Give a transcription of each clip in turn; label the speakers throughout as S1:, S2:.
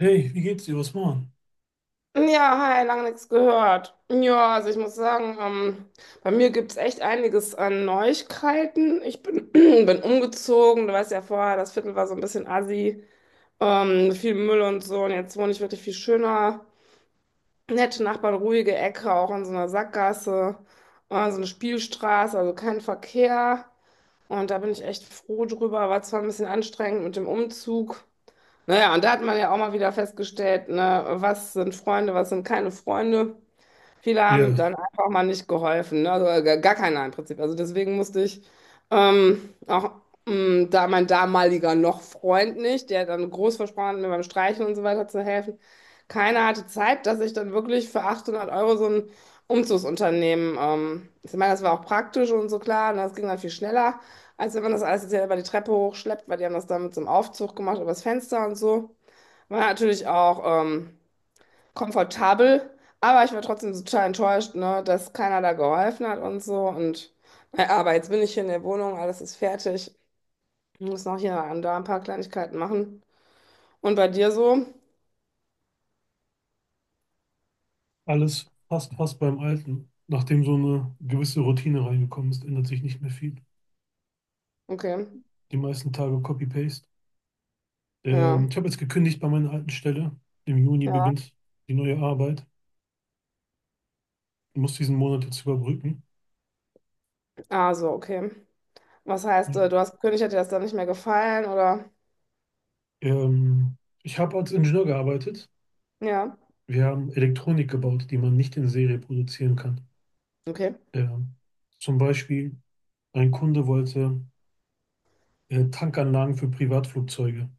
S1: Hey, wie geht's dir? Was machen?
S2: Ja, hi, lange nichts gehört. Ja, also ich muss sagen, bei mir gibt es echt einiges an Neuigkeiten. Ich bin, bin umgezogen, du weißt ja vorher, das Viertel war so ein bisschen assi, viel Müll und so. Und jetzt wohne ich wirklich viel schöner. Nette Nachbarn, ruhige Ecke, auch in so einer Sackgasse, so eine Spielstraße, also kein Verkehr. Und da bin ich echt froh drüber. War zwar ein bisschen anstrengend mit dem Umzug. Naja, und da hat man ja auch mal wieder festgestellt, ne, was sind Freunde, was sind keine Freunde. Viele haben
S1: Ja,
S2: dann einfach mal nicht geholfen, ne? Also gar keiner im Prinzip. Also deswegen musste ich auch da mein damaliger noch Freund nicht, der dann groß versprochen hat, mir beim Streichen und so weiter zu helfen. Keiner hatte Zeit, dass ich dann wirklich für 800 € so ein Umzugsunternehmen, ich meine, das war auch praktisch und so klar, und das ging dann viel schneller, als wenn man das alles jetzt selber die Treppe hochschleppt, weil die haben das dann mit so einem Aufzug gemacht, übers Fenster und so. War natürlich auch komfortabel, aber ich war trotzdem total enttäuscht, ne, dass keiner da geholfen hat und so. Und naja, aber jetzt bin ich hier in der Wohnung, alles ist fertig. Ich muss noch hier und da ein paar Kleinigkeiten machen. Und bei dir so?
S1: alles fast, fast beim Alten. Nachdem so eine gewisse Routine reingekommen ist, ändert sich nicht mehr viel.
S2: Okay.
S1: Die meisten Tage Copy-Paste. Ähm,
S2: Ja.
S1: ich habe jetzt gekündigt bei meiner alten Stelle. Im Juni
S2: Ja.
S1: beginnt die neue Arbeit. Ich muss diesen Monat jetzt überbrücken.
S2: Ah, so, okay. Was heißt,
S1: Ja.
S2: du hast gekündigt, hat dir das dann nicht mehr gefallen oder?
S1: Ähm, ich habe als Ingenieur gearbeitet.
S2: Ja.
S1: Wir haben Elektronik gebaut, die man nicht in Serie produzieren kann.
S2: Okay.
S1: Ähm, zum Beispiel, ein Kunde wollte Tankanlagen für Privatflugzeuge,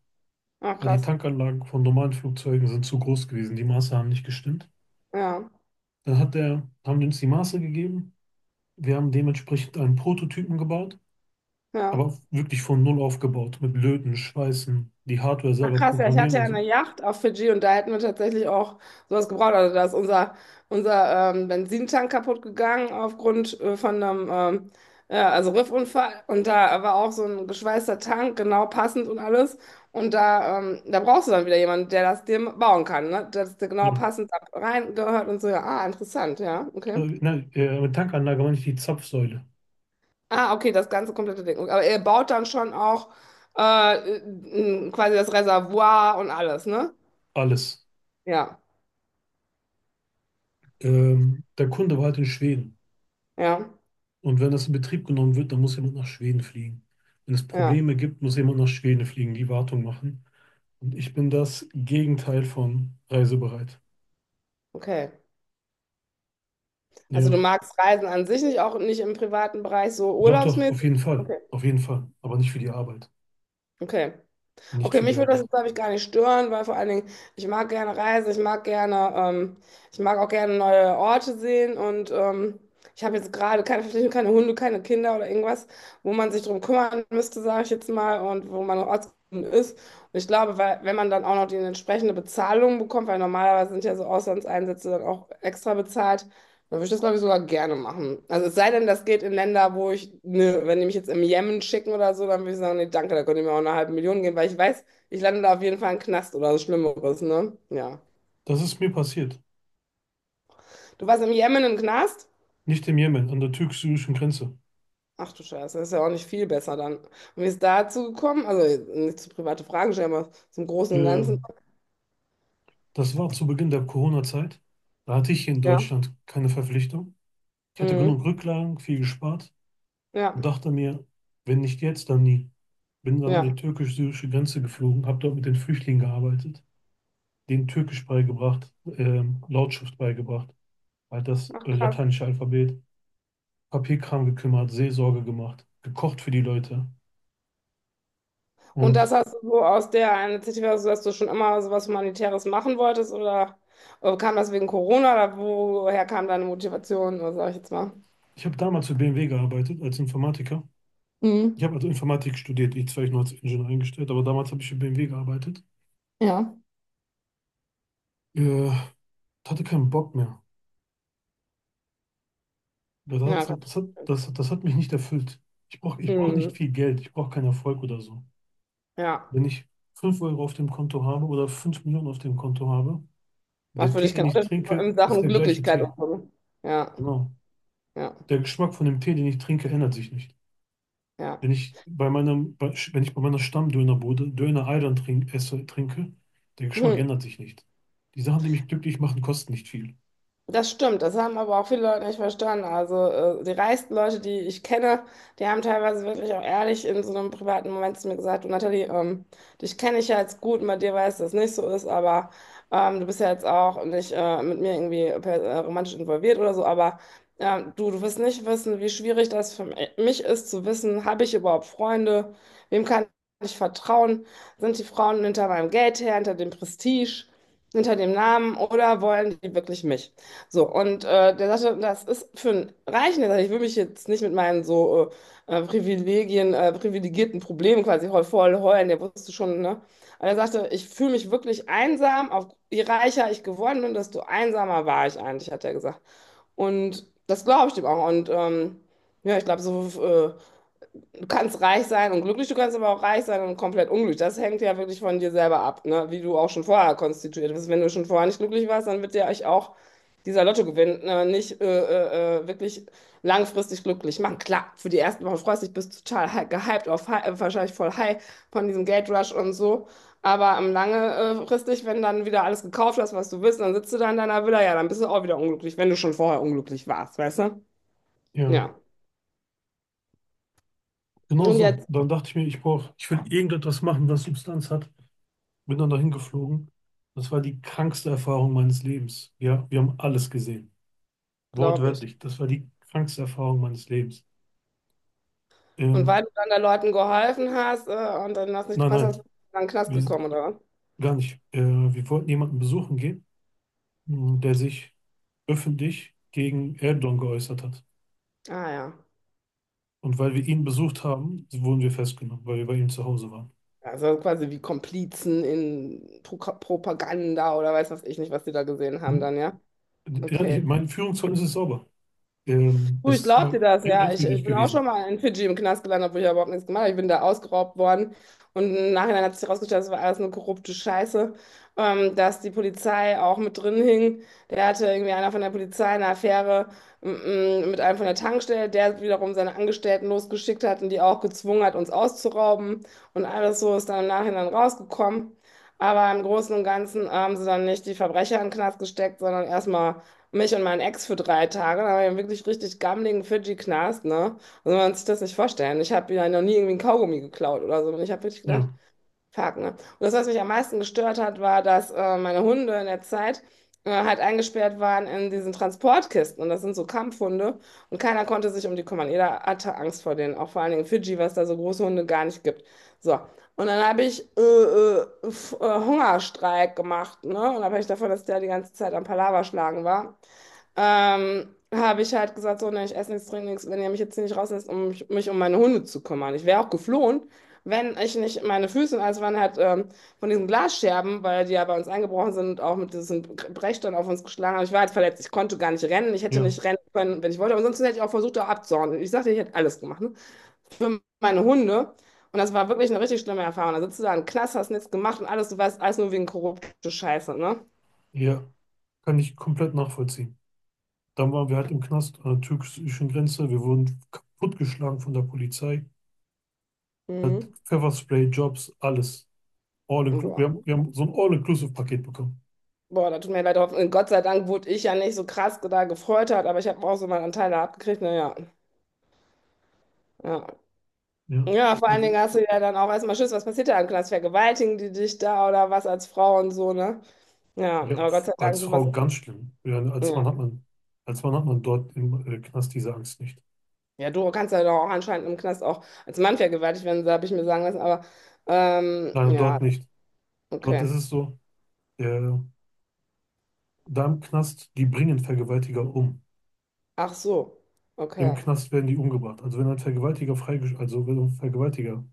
S2: Ach,
S1: weil die
S2: krass.
S1: Tankanlagen von normalen Flugzeugen sind zu groß gewesen Die Maße haben nicht gestimmt.
S2: Ja.
S1: Dann hat der, haben die uns die Maße gegeben. Wir haben dementsprechend einen Prototypen gebaut,
S2: Ja.
S1: aber wirklich von Null aufgebaut, mit Löten, Schweißen, die Hardware selber
S2: Krass, ja, ich
S1: programmieren
S2: hatte ja
S1: und so.
S2: eine Yacht auf Fidschi und da hätten wir tatsächlich auch sowas gebraucht. Also da ist unser Benzintank kaputt gegangen aufgrund von einem ja, also Riffunfall. Und da war auch so ein geschweißter Tank, genau passend und alles. Und da, da brauchst du dann wieder jemanden, der das dir bauen kann, ne? Dass der genau
S1: Ja.
S2: passend da reingehört und so. Ja, ah, interessant, ja, okay.
S1: Also, nein, mit Tankanlage meine ich die Zapfsäule.
S2: Ah, okay, das ganze komplette Ding. Aber ihr baut dann schon auch äh, quasi das Reservoir und alles, ne?
S1: Alles.
S2: Ja,
S1: Der Kunde war halt in Schweden.
S2: ja.
S1: Und wenn das in Betrieb genommen wird, dann muss jemand nach Schweden fliegen. Wenn es
S2: Ja,
S1: Probleme gibt, muss jemand nach Schweden fliegen, die Wartung machen. Und ich bin das Gegenteil von reisebereit.
S2: okay. Also du
S1: Ja,
S2: magst Reisen an sich nicht, auch nicht im privaten Bereich, so
S1: doch, doch, auf
S2: urlaubsmäßig?
S1: jeden Fall.
S2: Okay.
S1: Auf jeden Fall. Aber nicht für die Arbeit.
S2: Okay.
S1: Nicht
S2: Okay,
S1: für die
S2: mich würde das
S1: Arbeit.
S2: jetzt, glaube ich, gar nicht stören, weil vor allen Dingen, ich mag gerne reisen, ich mag gerne, ich mag auch gerne neue Orte sehen und ich habe jetzt gerade keine Verpflichtung, keine Hunde, keine Kinder oder irgendwas, wo man sich drum kümmern müsste, sage ich jetzt mal, und wo man noch ortsgebunden ist. Und ich glaube, weil, wenn man dann auch noch die entsprechende Bezahlung bekommt, weil normalerweise sind ja so Auslandseinsätze dann auch extra bezahlt, dann würde ich das, glaube ich, sogar gerne machen. Also es sei denn, das geht in Länder, wo ich, ne, wenn die mich jetzt im Jemen schicken oder so, dann würde ich sagen, nee, danke, da könnt ihr mir auch eine halbe Million geben, weil ich weiß, ich lande da auf jeden Fall im Knast oder was Schlimmeres, ne? Ja.
S1: Das ist mir passiert.
S2: Du warst im Jemen im Knast?
S1: Nicht im Jemen, an der türkisch-syrischen Grenze.
S2: Ach du Scheiße, das ist ja auch nicht viel besser dann. Und wie ist dazu gekommen? Also nicht zu private Fragen stellen, aber zum Großen und Ganzen.
S1: Ähm, das war zu Beginn der Corona-Zeit. Da hatte ich hier in
S2: Ja.
S1: Deutschland keine Verpflichtung. Ich hatte genug
S2: Mhm.
S1: Rücklagen, viel gespart
S2: Ja.
S1: und dachte mir, wenn nicht jetzt, dann nie. Bin dann an
S2: Ja.
S1: die türkisch-syrische Grenze geflogen, habe dort mit den Flüchtlingen gearbeitet, denen Türkisch beigebracht, Lautschrift beigebracht, halt das
S2: Ach krass.
S1: lateinische Alphabet. Papierkram gekümmert, Seelsorge gemacht, gekocht für die Leute.
S2: Und das
S1: Und
S2: hast du so aus der Initiative, also dass du schon immer so was Humanitäres machen wolltest oder kam das wegen Corona oder woher kam deine Motivation, oder sag ich jetzt mal?
S1: ich habe damals für BMW gearbeitet als Informatiker. Ich
S2: Mhm.
S1: habe also Informatik studiert, ich zwar ich nur als Ingenieur eingestellt, aber damals habe ich für BMW gearbeitet.
S2: Ja.
S1: Äh, hatte keinen Bock mehr. Das
S2: Ja, kann
S1: hat,
S2: ich
S1: das hat, das, hat- das hat mich nicht erfüllt. Ich brauch
S2: verstehen.
S1: nicht
S2: Mhm.
S1: viel Geld, ich brauche keinen Erfolg oder so.
S2: Ja,
S1: Wenn ich 5 Euro auf dem Konto habe oder 5 Millionen auf dem Konto habe,
S2: macht
S1: der
S2: für
S1: Tee,
S2: dich
S1: den
S2: keinen
S1: ich
S2: Unterschied so
S1: trinke,
S2: in
S1: ist
S2: Sachen
S1: der gleiche
S2: Glücklichkeit und
S1: Tee.
S2: so. Ja,
S1: Genau.
S2: ja,
S1: Der Geschmack von dem Tee, den ich trinke, ändert sich nicht.
S2: ja.
S1: Wenn ich bei meinem, bei, wenn ich bei meiner Stammdönerbude Döner Island trinke, der Geschmack
S2: Hm.
S1: ändert sich nicht. Die Sachen, die mich glücklich machen, kosten nicht viel.
S2: Das stimmt, das haben aber auch viele Leute nicht verstanden. Also die reichsten Leute, die ich kenne, die haben teilweise wirklich auch ehrlich in so einem privaten Moment zu mir gesagt, du Nathalie, dich kenne ich ja jetzt gut und bei dir weiß, dass es nicht so ist, aber du bist ja jetzt auch nicht mit mir irgendwie romantisch involviert oder so, aber du wirst nicht wissen, wie schwierig das für mich ist zu wissen, habe ich überhaupt Freunde, wem kann ich vertrauen, sind die Frauen hinter meinem Geld her, hinter dem Prestige, hinter dem Namen oder wollen die wirklich mich? So, und der sagte, das ist für einen Reichen, der sagte, ich will mich jetzt nicht mit meinen so Privilegien, privilegierten Problemen quasi heu voll heulen, der wusste schon, ne? Aber er sagte, ich fühle mich wirklich einsam, auf, je reicher ich geworden bin, desto einsamer war ich eigentlich, hat er gesagt. Und das glaube ich dem auch. Und ja, ich glaube, so du kannst reich sein und glücklich, du kannst aber auch reich sein und komplett unglücklich. Das hängt ja wirklich von dir selber ab, ne? Wie du auch schon vorher konstituiert bist. Wenn du schon vorher nicht glücklich warst, dann wird dir euch auch dieser Lottogewinn nicht wirklich langfristig glücklich machen. Klar, für die ersten Wochen freust du dich, bist total gehypt, auf, wahrscheinlich voll high von diesem Geldrush und so. Aber langfristig, wenn dann wieder alles gekauft hast, was du willst, dann sitzt du da in deiner Villa, ja, dann bist du auch wieder unglücklich, wenn du schon vorher unglücklich warst, weißt du?
S1: Ja,
S2: Ja.
S1: genau
S2: Und
S1: so.
S2: jetzt,
S1: Dann dachte ich mir, ich will irgendetwas machen, das Substanz hat. Bin dann dahin geflogen. Das war die krankste Erfahrung meines Lebens. Ja, wir haben alles gesehen.
S2: glaube ich.
S1: Wortwörtlich, das war die krankste Erfahrung meines Lebens.
S2: Und
S1: Ähm,
S2: weil du dann den Leuten geholfen hast, und dann hast nicht
S1: nein,
S2: gepasst
S1: nein,
S2: hast, bist du dann in den Knast
S1: wir,
S2: gekommen, oder?
S1: gar nicht. Wir wollten jemanden besuchen gehen, mh, der sich öffentlich gegen Erdogan geäußert hat.
S2: Ah ja.
S1: Und weil wir ihn besucht haben, wurden wir festgenommen, weil wir bei ihm zu Hause waren.
S2: Also quasi wie Komplizen in Pro Propaganda oder weiß was ich nicht, was die da gesehen haben
S1: Hm?
S2: dann, ja?
S1: Ja, ich,
S2: Okay.
S1: mein Führungszeugnis ist sauber. Ähm,
S2: Du,
S1: das
S2: ich
S1: ist
S2: glaube
S1: ja
S2: dir das, ja.
S1: rechtswidrig
S2: Ich bin auch schon
S1: gewesen.
S2: mal in Fidschi im Knast gelandet, obwohl ich da überhaupt nichts gemacht habe. Ich bin da ausgeraubt worden. Und im Nachhinein hat sich herausgestellt, das war alles eine korrupte Scheiße, dass die Polizei auch mit drin hing. Der hatte irgendwie einer von der Polizei eine Affäre m- mit einem von der Tankstelle, der wiederum seine Angestellten losgeschickt hat und die auch gezwungen hat, uns auszurauben. Und alles so ist dann im Nachhinein rausgekommen. Aber im Großen und Ganzen haben sie dann nicht die Verbrecher in den Knast gesteckt, sondern erstmal mich und meinen Ex für 3 Tage. Da war ich wirklich richtig gammeligen Fidschi-Knast, ne? Also man kann sich das nicht vorstellen. Ich habe ja noch nie irgendwie einen Kaugummi geklaut oder so. Und ich habe wirklich gedacht,
S1: Ja,
S2: fuck, ne? Und das, was mich am meisten gestört hat, war, dass meine Hunde in der Zeit halt eingesperrt waren in diesen Transportkisten. Und das sind so Kampfhunde. Und keiner konnte sich um die kümmern. Jeder hatte Angst vor denen. Auch vor allen Dingen in Fidschi, was da so große Hunde gar nicht gibt. So. Und dann habe ich Hungerstreik gemacht, ne? Und da habe ich davon, dass der die ganze Zeit am Palaver schlagen war habe ich halt gesagt, so, ne, ich esse nichts, trinke nichts, wenn ihr mich jetzt hier nicht rauslässt, um mich um meine Hunde zu kümmern. Ich wäre auch geflohen, wenn ich nicht meine Füße, und alles waren halt von diesen Glasscherben, weil die ja bei uns eingebrochen sind und auch mit diesen Brechstangen auf uns geschlagen haben. Ich war halt verletzt, ich konnte gar nicht rennen, ich hätte
S1: ja,
S2: nicht rennen können, wenn ich wollte, aber sonst hätte ich auch versucht, da abzuhauen. Ich sagte, ich hätte alles gemacht, ne? Für meine Hunde. Und das war wirklich eine richtig schlimme Erfahrung. Da sitzt du da im Knast, hast nichts gemacht und alles, du weißt, alles nur wegen korrupte Scheiße, ne?
S1: ja. Kann ich komplett nachvollziehen. Dann waren wir halt im Knast an der türkischen Grenze. Wir wurden kaputtgeschlagen von der Polizei. Hat
S2: Mhm.
S1: Pfefferspray, Jobs, alles. All inclu-
S2: Boah.
S1: wir haben so ein All-Inclusive-Paket bekommen.
S2: Boah, da tut mir leid, hoffen. Gott sei Dank wurde ich ja nicht so krass da gefreutert, aber ich habe auch so meinen Anteil da abgekriegt. Naja, ja.
S1: Ja.
S2: Ja, vor allen
S1: Also,
S2: Dingen hast du ja dann auch erstmal Schiss, was passiert da im Knast? Vergewaltigen die dich da oder was als Frau und so, ne? Ja,
S1: ja,
S2: aber Gott
S1: pf,
S2: sei Dank,
S1: als
S2: sowas
S1: Frau
S2: ist.
S1: ganz schlimm. Ja, als Mann hat
S2: Ja,
S1: man, als Mann hat man dort im Knast diese Angst nicht.
S2: ja du kannst ja doch auch anscheinend im Knast auch als Mann vergewaltigt werden, habe ich mir sagen lassen, aber
S1: Nein,
S2: ja,
S1: dort nicht. Dort
S2: okay.
S1: ist es so, der, da im Knast, die bringen Vergewaltiger um.
S2: Ach so,
S1: Im
S2: okay.
S1: Knast werden die umgebracht. Also wenn ein Vergewaltiger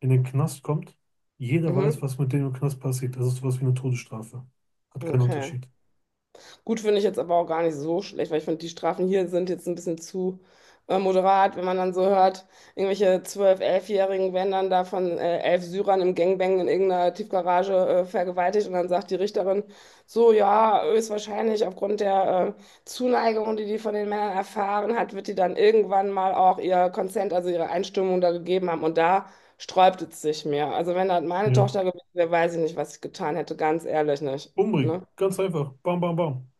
S1: in den Knast kommt, jeder weiß,
S2: Mhm.
S1: was mit dem im Knast passiert. Das ist sowas wie eine Todesstrafe. Hat keinen
S2: Okay.
S1: Unterschied.
S2: Gut finde ich jetzt aber auch gar nicht so schlecht, weil ich finde, die Strafen hier sind jetzt ein bisschen zu moderat, wenn man dann so hört, irgendwelche 12, 11-Jährigen werden dann da von 11 Syrern im Gangbang in irgendeiner Tiefgarage vergewaltigt und dann sagt die Richterin so, ja, höchstwahrscheinlich aufgrund der Zuneigung, die die von den Männern erfahren hat, wird die dann irgendwann mal auch ihr Consent, also ihre Einstimmung da gegeben haben und da sträubt es sich mir. Also wenn das meine
S1: Ja.
S2: Tochter gewesen wäre, weiß ich nicht, was ich getan hätte, ganz ehrlich nicht.
S1: Umbringen.
S2: Ne?
S1: Ganz einfach. Bam, bam, bam.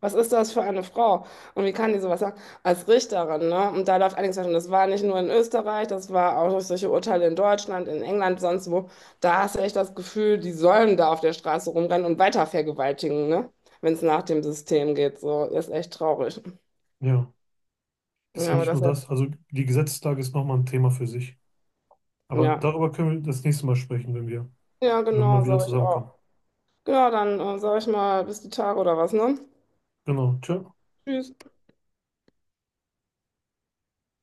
S2: Was ist das für eine Frau? Und wie kann die sowas sagen? Als Richterin, ne? Und da läuft einiges falsch. Und das war nicht nur in Österreich, das war auch durch solche Urteile in Deutschland, in England, sonst wo. Da hast du echt das Gefühl, die sollen da auf der Straße rumrennen und weiter vergewaltigen, ne? Wenn es nach dem System geht. So, ist echt traurig.
S1: Ja. Ist ja
S2: Ja, aber
S1: nicht nur
S2: das,
S1: das. Also die Gesetzeslage ist nochmal ein Thema für sich. Aber
S2: ja.
S1: darüber können wir das nächste Mal sprechen, wenn wir,
S2: Ja,
S1: wenn wir mal
S2: genau,
S1: wieder
S2: sag ich auch.
S1: zusammenkommen.
S2: Genau, dann sag ich mal, bis die Tage oder was, ne?
S1: Genau. Tschö.
S2: Tschüss.